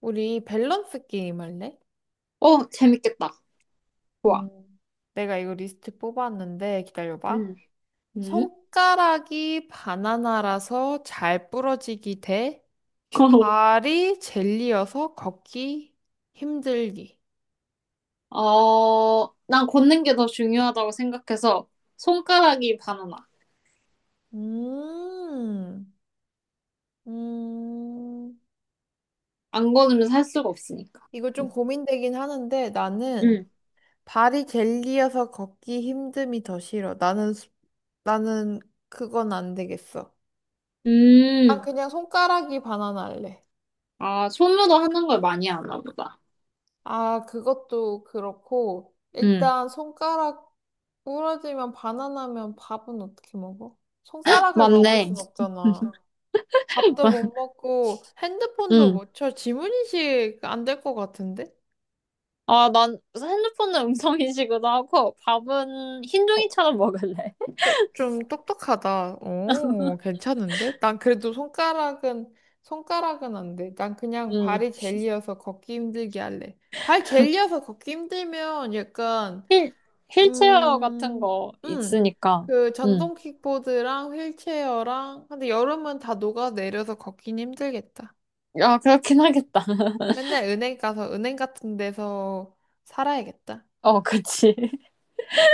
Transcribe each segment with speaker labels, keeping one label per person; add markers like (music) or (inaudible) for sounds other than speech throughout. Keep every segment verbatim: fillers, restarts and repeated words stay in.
Speaker 1: 우리 밸런스 게임 할래?
Speaker 2: 어, 재밌겠다. 좋아.
Speaker 1: 음. 내가 이거 리스트 뽑았는데 기다려봐.
Speaker 2: 음. 음?
Speaker 1: 손가락이 바나나라서 잘 부러지기 대
Speaker 2: (laughs)
Speaker 1: 발이 젤리여서 걷기 힘들기.
Speaker 2: 어, 난 걷는 게 더 중요하다고 생각해서 손가락이 바나나.
Speaker 1: 음, 음,
Speaker 2: 안 걷으면 살 수가 없으니까.
Speaker 1: 이거 좀
Speaker 2: 음.
Speaker 1: 고민되긴 하는데 나는
Speaker 2: 음.
Speaker 1: 발이 젤리여서 걷기 힘듦이 더 싫어. 나는, 수- 나는 그건 안 되겠어. 난
Speaker 2: 음.
Speaker 1: 그냥 손가락이 바나나 할래.
Speaker 2: 아, 손으로 하는 걸 많이 하나 보다.
Speaker 1: 아, 그것도 그렇고,
Speaker 2: 음.
Speaker 1: 일단 손가락 부러지면 바나나면 밥은 어떻게 먹어? 손가락을 먹을
Speaker 2: 맞네.
Speaker 1: 순 없잖아. 밥도 못
Speaker 2: (laughs)
Speaker 1: 먹고, 핸드폰도
Speaker 2: 음.
Speaker 1: 못 쳐. 지문인식 안 될 것 같은데?
Speaker 2: 아, 난 핸드폰은 음성인식으로 하고 밥은 흰
Speaker 1: 어,
Speaker 2: 종이처럼 먹을래. (laughs)
Speaker 1: 어, 좀 똑똑하다. 오, 괜찮은데? 난 그래도 손가락은, 손가락은 안 돼. 난 그냥
Speaker 2: 음.
Speaker 1: 발이 젤리여서 걷기 힘들게 할래. 발 젤리여서 걷기 힘들면 약간
Speaker 2: 휠, 힐체어 같은
Speaker 1: 음,
Speaker 2: 거
Speaker 1: 음.
Speaker 2: 있으니까.
Speaker 1: 그
Speaker 2: 음.
Speaker 1: 전동 킥보드랑 휠체어랑 근데 여름은 다 녹아내려서 걷긴 힘들겠다.
Speaker 2: 야, 그렇긴 하겠다. (laughs)
Speaker 1: 맨날 은행 가서 은행 같은 데서 살아야겠다.
Speaker 2: 어, 그치.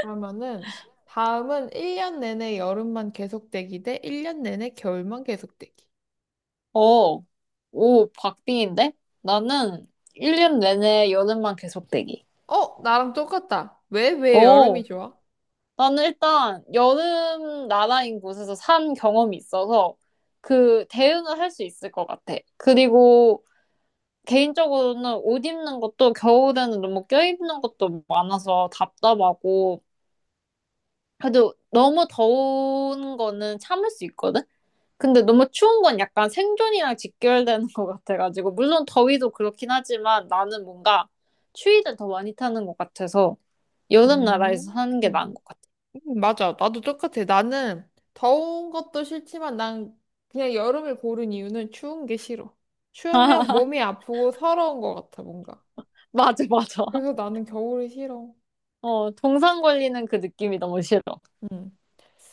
Speaker 1: 그러면은 다음은 일 년 내내 여름만 계속되기 대 일 년 내내 겨울만 계속되기.
Speaker 2: 어, 오, 박빙인데? 나는 일 년 내내 여름만 계속 대기.
Speaker 1: 어, 나랑 똑같다. 왜, 왜 여름이
Speaker 2: 오,
Speaker 1: 좋아?
Speaker 2: 나는 일단 여름 나라인 곳에서 산 경험이 있어서 그 대응을 할 수 있을 것 같아. 그리고 개인적으로는 옷 입는 것도 겨울에는 너무 껴입는 것도 많아서 답답하고 그래도 너무 더운 거는 참을 수 있거든? 근데 너무 추운 건 약간 생존이랑 직결되는 것 같아가지고, 물론 더위도 그렇긴 하지만 나는 뭔가 추위를 더 많이 타는 것 같아서 여름
Speaker 1: 음.
Speaker 2: 나라에서 사는 게 나은 것 같아.
Speaker 1: 음, 맞아. 나도 똑같아. 나는 더운 것도 싫지만 난 그냥 여름을 고른 이유는 추운 게 싫어. 추우면 몸이 아프고 서러운 것 같아, 뭔가.
Speaker 2: 맞아, 맞아.
Speaker 1: 그래서
Speaker 2: (laughs)
Speaker 1: 나는 겨울이 싫어.
Speaker 2: 어, 동상 걸리는 그 느낌이 너무 싫어.
Speaker 1: 음.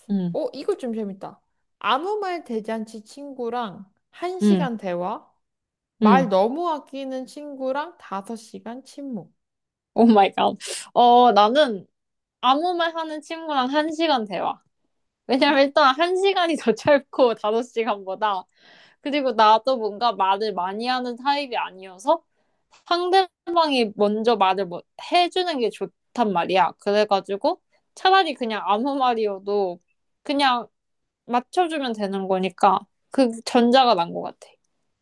Speaker 2: 응,
Speaker 1: 어, 이거 좀 재밌다. 아무 말 대잔치 친구랑
Speaker 2: 응,
Speaker 1: 한시간 대화, 말
Speaker 2: 응.
Speaker 1: 너무 아끼는 친구랑 다섯 시간 침묵.
Speaker 2: 오 마이 갓. 어, 나는 아무 말 하는 친구랑 한 시간 대화. 왜냐면 일단 한 시간이 더 (laughs) 짧고 다섯 시간보다 그리고 나도 뭔가 말을 많이 하는 타입이 아니어서 상대방이 먼저 말을 뭐 해주는 게 좋단 말이야. 그래가지고 차라리 그냥 아무 말이어도 그냥 맞춰주면 되는 거니까 그 전자가 난 것 같아.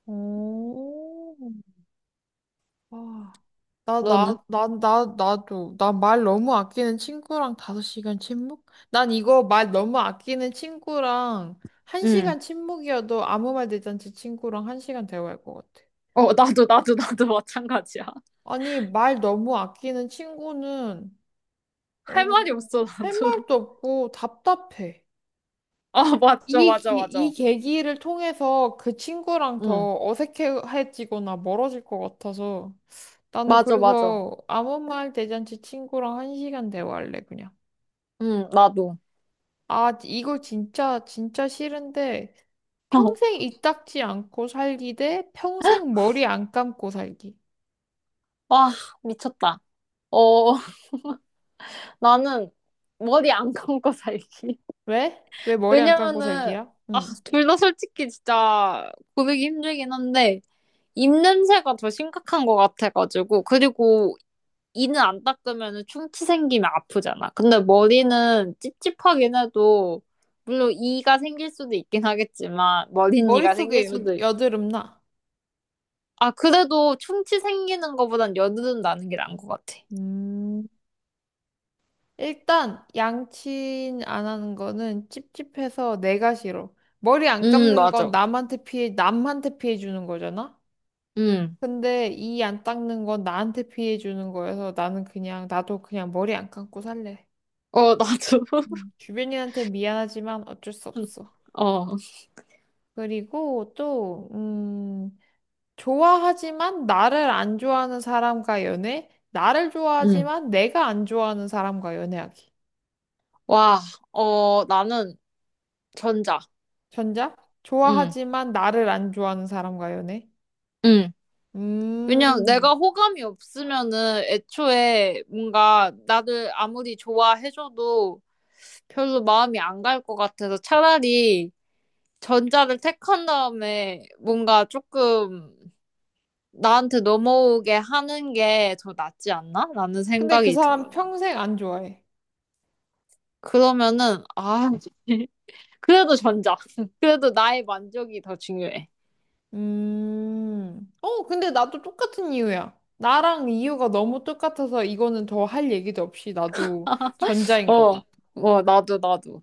Speaker 1: 오. 와, 나, 나,
Speaker 2: 너는?
Speaker 1: 나, 나, 나도. 나 말 너무 아끼는 친구랑 다섯 시간 침묵? 난 이거 말 너무 아끼는 친구랑 한
Speaker 2: 응.
Speaker 1: 시간 침묵이어도 아무 말 대잔치 친구랑 한 시간 대화할 것 같아.
Speaker 2: 어, 나도, 나도, 나도 마찬가지야. (laughs)
Speaker 1: 아니, 말 너무 아끼는 친구는,
Speaker 2: 할
Speaker 1: 어,
Speaker 2: 말이 없어,
Speaker 1: 할
Speaker 2: 나도.
Speaker 1: 말도
Speaker 2: (laughs)
Speaker 1: 없고 답답해.
Speaker 2: 아, 맞아,
Speaker 1: 이,
Speaker 2: 맞아,
Speaker 1: 기- 이
Speaker 2: 맞아.
Speaker 1: 계기를 통해서 그 친구랑
Speaker 2: 응,
Speaker 1: 더 어색해지거나 멀어질 것 같아서 나는
Speaker 2: 맞아, 맞아.
Speaker 1: 그래서 아무 말 대잔치 친구랑 한 시간 대화할래 그냥.
Speaker 2: 응, 나도.
Speaker 1: 아, 이거 진짜 진짜 싫은데 평생
Speaker 2: (laughs)
Speaker 1: 이 닦지 않고 살기 대 평생 머리 안 감고 살기.
Speaker 2: 와, 미쳤다. 어, 나는 머리 안 감고 살기.
Speaker 1: 왜? 왜 머리 안 감고
Speaker 2: 왜냐면은,
Speaker 1: 살기야?
Speaker 2: 아,
Speaker 1: 응.
Speaker 2: 둘 다 솔직히 진짜 고르기 힘들긴 한데, 입냄새가 더 심각한 것 같아가지고, 그리고 이는 안 닦으면 충치 생기면 아프잖아. 근데 머리는 찝찝하긴 해도, 물론 이가 생길 수도 있긴 하겠지만, 머린 이가 생길
Speaker 1: 머릿속에 여,
Speaker 2: 수도, 있...
Speaker 1: 여드름 나.
Speaker 2: 아, 그래도 충치 생기는 것보단 여드름 나는 게 나은 것 같아.
Speaker 1: 음. 일단 양치 안 하는 거는 찝찝해서 내가 싫어. 머리 안
Speaker 2: 음,
Speaker 1: 감는 건
Speaker 2: 맞아.
Speaker 1: 남한테 피해, 남한테 피해 주는 거잖아?
Speaker 2: 음.
Speaker 1: 근데 이 안 닦는 건 나한테 피해 주는 거여서 나는 그냥, 나도 그냥 머리 안 감고 살래.
Speaker 2: 어, 나도. (laughs)
Speaker 1: 음, 주변인한테 미안하지만 어쩔 수 없어.
Speaker 2: 어,
Speaker 1: 그리고 또, 음, 좋아하지만 나를 안 좋아하는 사람과 연애? 나를
Speaker 2: 음.
Speaker 1: 좋아하지만 내가 안 좋아하는 사람과 연애하기.
Speaker 2: 와, 어, 나는 전자.
Speaker 1: 전자?
Speaker 2: 음.
Speaker 1: 좋아하지만 나를 안 좋아하는 사람과 연애?
Speaker 2: 음. 왜냐면
Speaker 1: 음.
Speaker 2: 내가 호감이 없으면은 애초에 뭔가 나를 아무리 좋아해줘도 별로 마음이 안 갈 것 같아서 차라리 전자를 택한 다음에 뭔가 조금 나한테 넘어오게 하는 게 더 낫지 않나? 라는
Speaker 1: 근데 그
Speaker 2: 생각이
Speaker 1: 사람
Speaker 2: 들어요.
Speaker 1: 평생 안 좋아해.
Speaker 2: 그러면은, 아, (laughs) 그래도 전자. (laughs) 그래도 나의 만족이 더 중요해.
Speaker 1: 음. 어, 근데 나도 똑같은 이유야. 나랑 이유가 너무 똑같아서 이거는 더 할 얘기도 없이 나도 전자인 것
Speaker 2: 어,
Speaker 1: 같아.
Speaker 2: 어, 나도, 나도.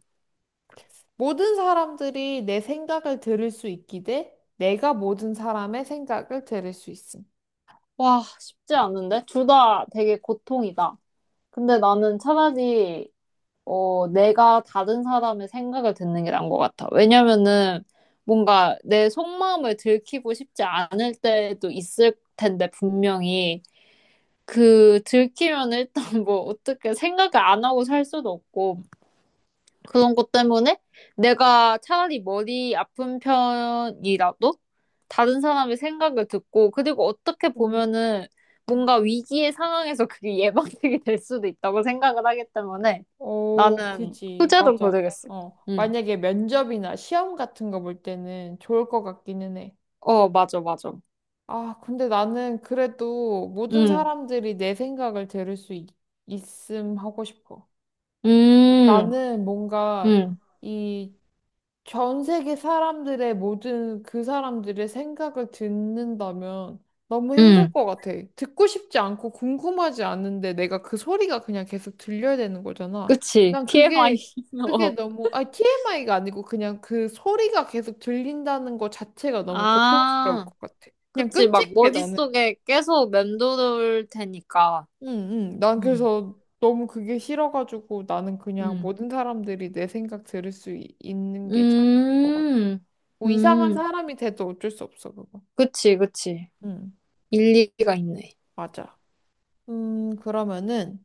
Speaker 1: 모든 사람들이 내 생각을 들을 수 있기 대 내가 모든 사람의 생각을 들을 수 있음.
Speaker 2: 와, 쉽지 않은데? 둘 다 되게 고통이다. 근데 나는 차라리 어 내가 다른 사람의 생각을 듣는 게 나은 것 같아. 왜냐면은 뭔가 내 속마음을 들키고 싶지 않을 때도 있을 텐데 분명히 그 들키면 일단 뭐 어떻게 생각을 안 하고 살 수도 없고 그런 것 때문에 내가 차라리 머리 아픈 편이라도 다른 사람의 생각을 듣고 그리고 어떻게
Speaker 1: 음.
Speaker 2: 보면은 뭔가 위기의 상황에서 그게 (laughs) 예방책이 될 수도 있다고 생각을 하기 때문에
Speaker 1: 어,
Speaker 2: 나는
Speaker 1: 그지.
Speaker 2: 후자로
Speaker 1: 맞아.
Speaker 2: 고르겠어.
Speaker 1: 어.
Speaker 2: 응.
Speaker 1: 만약에 면접이나 시험 같은 거 볼 때는 좋을 것 같기는 해.
Speaker 2: 어, 맞아, 맞아.
Speaker 1: 아, 근데 나는 그래도 모든
Speaker 2: 응.
Speaker 1: 사람들이 내 생각을 들을 수 있, 음 하고 싶어.
Speaker 2: 음,
Speaker 1: 나는 뭔가
Speaker 2: 음,
Speaker 1: 이 전 세계 사람들의 모든 그 사람들의 생각을 듣는다면 너무 힘들
Speaker 2: 음.
Speaker 1: 것 같아. 듣고 싶지 않고 궁금하지 않은데 내가 그 소리가 그냥 계속 들려야 되는 거잖아.
Speaker 2: 그치.
Speaker 1: 난
Speaker 2: 티엠아이.
Speaker 1: 그게,
Speaker 2: (laughs)
Speaker 1: 그게
Speaker 2: 어.
Speaker 1: 너무, 아니, 티엠아이가 아니고 그냥 그 소리가 계속 들린다는 것 자체가 너무 고통스러울
Speaker 2: 아,
Speaker 1: 것 같아. 그냥
Speaker 2: 그치. 막
Speaker 1: 끔찍해, 나는.
Speaker 2: 머릿속에 계속 맴돌 테니까.
Speaker 1: 응, 응. 난
Speaker 2: 응.
Speaker 1: 그래서 너무 그게 싫어가지고 나는 그냥
Speaker 2: 음.
Speaker 1: 모든 사람들이 내 생각 들을 수 있, 는게 차라리 것 같아.
Speaker 2: 음,
Speaker 1: 뭐 이상한
Speaker 2: 음,
Speaker 1: 사람이 돼도 어쩔 수 없어, 그거.
Speaker 2: 그치, 그치.
Speaker 1: 응,
Speaker 2: 일리가 있네.
Speaker 1: 맞아. 음, 그러면은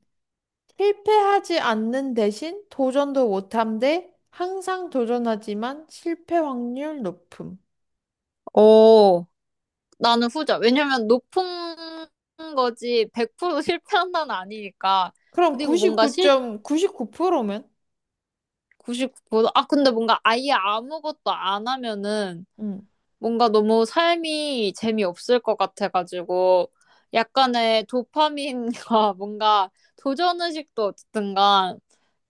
Speaker 1: 실패하지 않는 대신 도전도 못함 대 항상 도전하지만 실패 확률 높음.
Speaker 2: 어, 나는 후자. 왜냐면 높은 거지 백 프로 실패한다는 아니니까.
Speaker 1: 그럼
Speaker 2: 그리고 뭔가 실
Speaker 1: 구십구 점 구구 퍼센트면?
Speaker 2: 구십구 퍼센트, 아, 근데 뭔가 아예 아무것도 안 하면은
Speaker 1: 응,
Speaker 2: 뭔가 너무 삶이 재미없을 것 같아가지고 약간의 도파민과 (laughs) 뭔가 도전의식도 어쨌든 간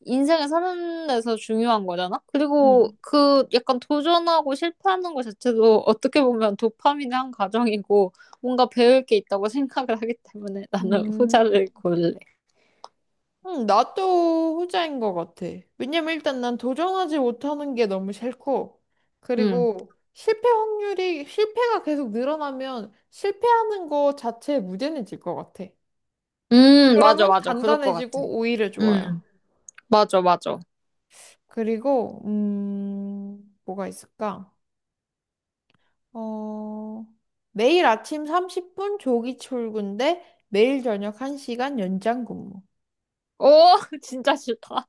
Speaker 2: 인생을 사는 데서 중요한 거잖아? 그리고
Speaker 1: 응.
Speaker 2: 그 약간 도전하고 실패하는 것 자체도 어떻게 보면 도파민의 한 과정이고 뭔가 배울 게 있다고 (laughs) 생각을 하기 때문에 나는
Speaker 1: 음.
Speaker 2: 후자를 고를래.
Speaker 1: 응, 나도 후자인 것 같아. 왜냐면 일단 난 도전하지 못하는 게 너무 싫고,
Speaker 2: 음.
Speaker 1: 그리고 실패 확률이, 실패가 계속 늘어나면 실패하는 거 자체에 무뎌해질 것 같아.
Speaker 2: 음, 맞아,
Speaker 1: 그러면
Speaker 2: 맞아. 그럴 것 같아.
Speaker 1: 단단해지고 오히려 좋아요.
Speaker 2: 음, 맞아, 맞아.
Speaker 1: 그리고, 음, 뭐가 있을까? 어, 매일 아침 삼십 분 조기 출근 대 매일 저녁 한 시간 연장 근무.
Speaker 2: 오, (laughs) 진짜 싫다.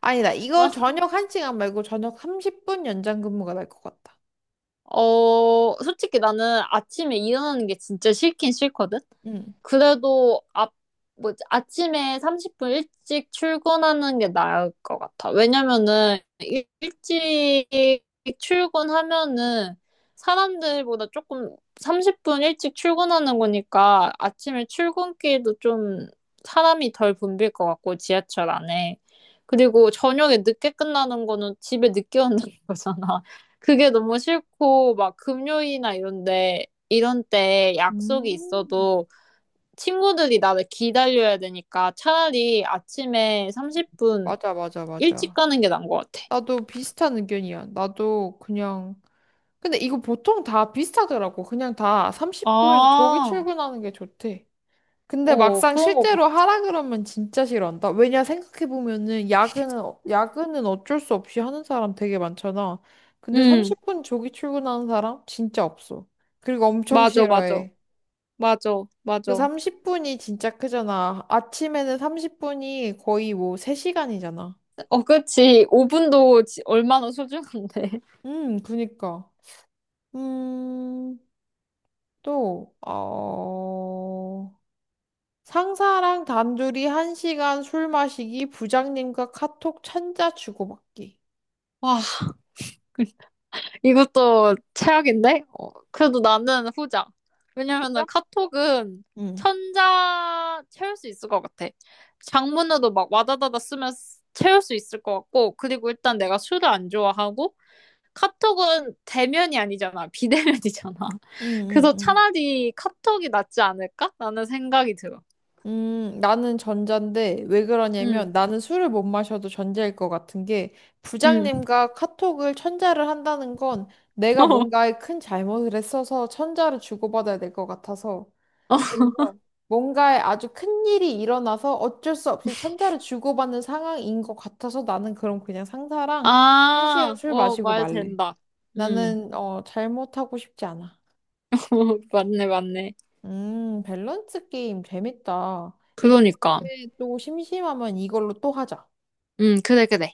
Speaker 1: 아니다,
Speaker 2: 나
Speaker 1: 이거 저녁 한 시간 말고 저녁 삼십 분 연장 근무가 날 것 같다.
Speaker 2: 어, 솔직히 나는 아침에 일어나는 게 진짜 싫긴 싫거든?
Speaker 1: 응.
Speaker 2: 그래도 앞, 뭐 아침에 삼십 분 일찍 출근하는 게 나을 것 같아. 왜냐면은 일- 일찍 출근하면은 사람들보다 조금 삼십 분 일찍 출근하는 거니까 아침에 출근길도 좀 사람이 덜 붐빌 것 같고 지하철 안에. 그리고 저녁에 늦게 끝나는 거는 집에 늦게 온다는 (laughs) 거잖아. 그게 너무 싫고 막 금요일이나 이런데 이런 때 약속이
Speaker 1: 음.
Speaker 2: 있어도 친구들이 나를 기다려야 되니까 차라리 아침에 삼십 분
Speaker 1: 맞아, 맞아,
Speaker 2: 일찍
Speaker 1: 맞아.
Speaker 2: 가는 게 나은 것 같아.
Speaker 1: 나도 비슷한 의견이야. 나도 그냥. 근데 이거 보통 다 비슷하더라고. 그냥 다 삼십 분 조기
Speaker 2: 아,
Speaker 1: 출근하는 게 좋대. 근데
Speaker 2: 어,
Speaker 1: 막상
Speaker 2: 그런 것
Speaker 1: 실제로
Speaker 2: 같아.
Speaker 1: 하라 그러면 진짜 싫어한다. 왜냐 생각해보면은 야근은, 어- 야근은 어쩔 수 없이 하는 사람 되게 많잖아. 근데
Speaker 2: 응,
Speaker 1: 삼십 분 조기 출근하는 사람 진짜 없어. 그리고 엄청
Speaker 2: 맞아, 맞아.
Speaker 1: 싫어해.
Speaker 2: 맞아,
Speaker 1: 그
Speaker 2: 맞아.
Speaker 1: 삼십 분이 진짜 크잖아. 아침에는 삼십 분이 거의 뭐 세 시간이잖아.
Speaker 2: 어, 그치. 오 분도 얼마나 소중한데. (laughs)
Speaker 1: 음, 그니까. 음, 또, 어, 상사랑 단둘이 한 시간 술 마시기, 부장님과 카톡 천자 주고받기.
Speaker 2: 와, 이것도 최악인데? 어, 그래도 나는 후자. 왜냐면은
Speaker 1: 부장?
Speaker 2: 카톡은
Speaker 1: 응,
Speaker 2: 천자 채울 수 있을 것 같아. 장문으로 막 와다다다 쓰면 쓰- 채울 수 있을 것 같고, 그리고 일단 내가 술을 안 좋아하고, 카톡은 대면이 아니잖아. 비대면이잖아. (laughs)
Speaker 1: 응, 응,
Speaker 2: 그래서
Speaker 1: 응.
Speaker 2: 차라리 카톡이 낫지 않을까? 라는 생각이 들어.
Speaker 1: 음, 나는 전자인데, 왜
Speaker 2: 응,
Speaker 1: 그러냐면, 나는 술을 못 마셔도 전자일 것 같은 게,
Speaker 2: 응.
Speaker 1: 부장님과 카톡을 천자를 한다는 건,
Speaker 2: (laughs)
Speaker 1: 내가
Speaker 2: 어,
Speaker 1: 뭔가에 큰 잘못을 했어서 천자를 주고받아야 될 것 같아서,
Speaker 2: 어.
Speaker 1: 그래서 뭔가 아주 큰 일이 일어나서 어쩔 수 없이 천자를 주고받는 상황인 것 같아서 나는 그럼 그냥 상사랑 한 시간
Speaker 2: 아,
Speaker 1: 술
Speaker 2: 어,
Speaker 1: 마시고
Speaker 2: 말
Speaker 1: 말래.
Speaker 2: 된다. 응.
Speaker 1: 나는 어 잘못하고 싶지 않아.
Speaker 2: (laughs) 어, 맞네, 맞네.
Speaker 1: 음 밸런스 게임 재밌다. 이거
Speaker 2: 그러니까.
Speaker 1: 다음에 또 심심하면 이걸로 또 하자.
Speaker 2: 응, 그래, 그래.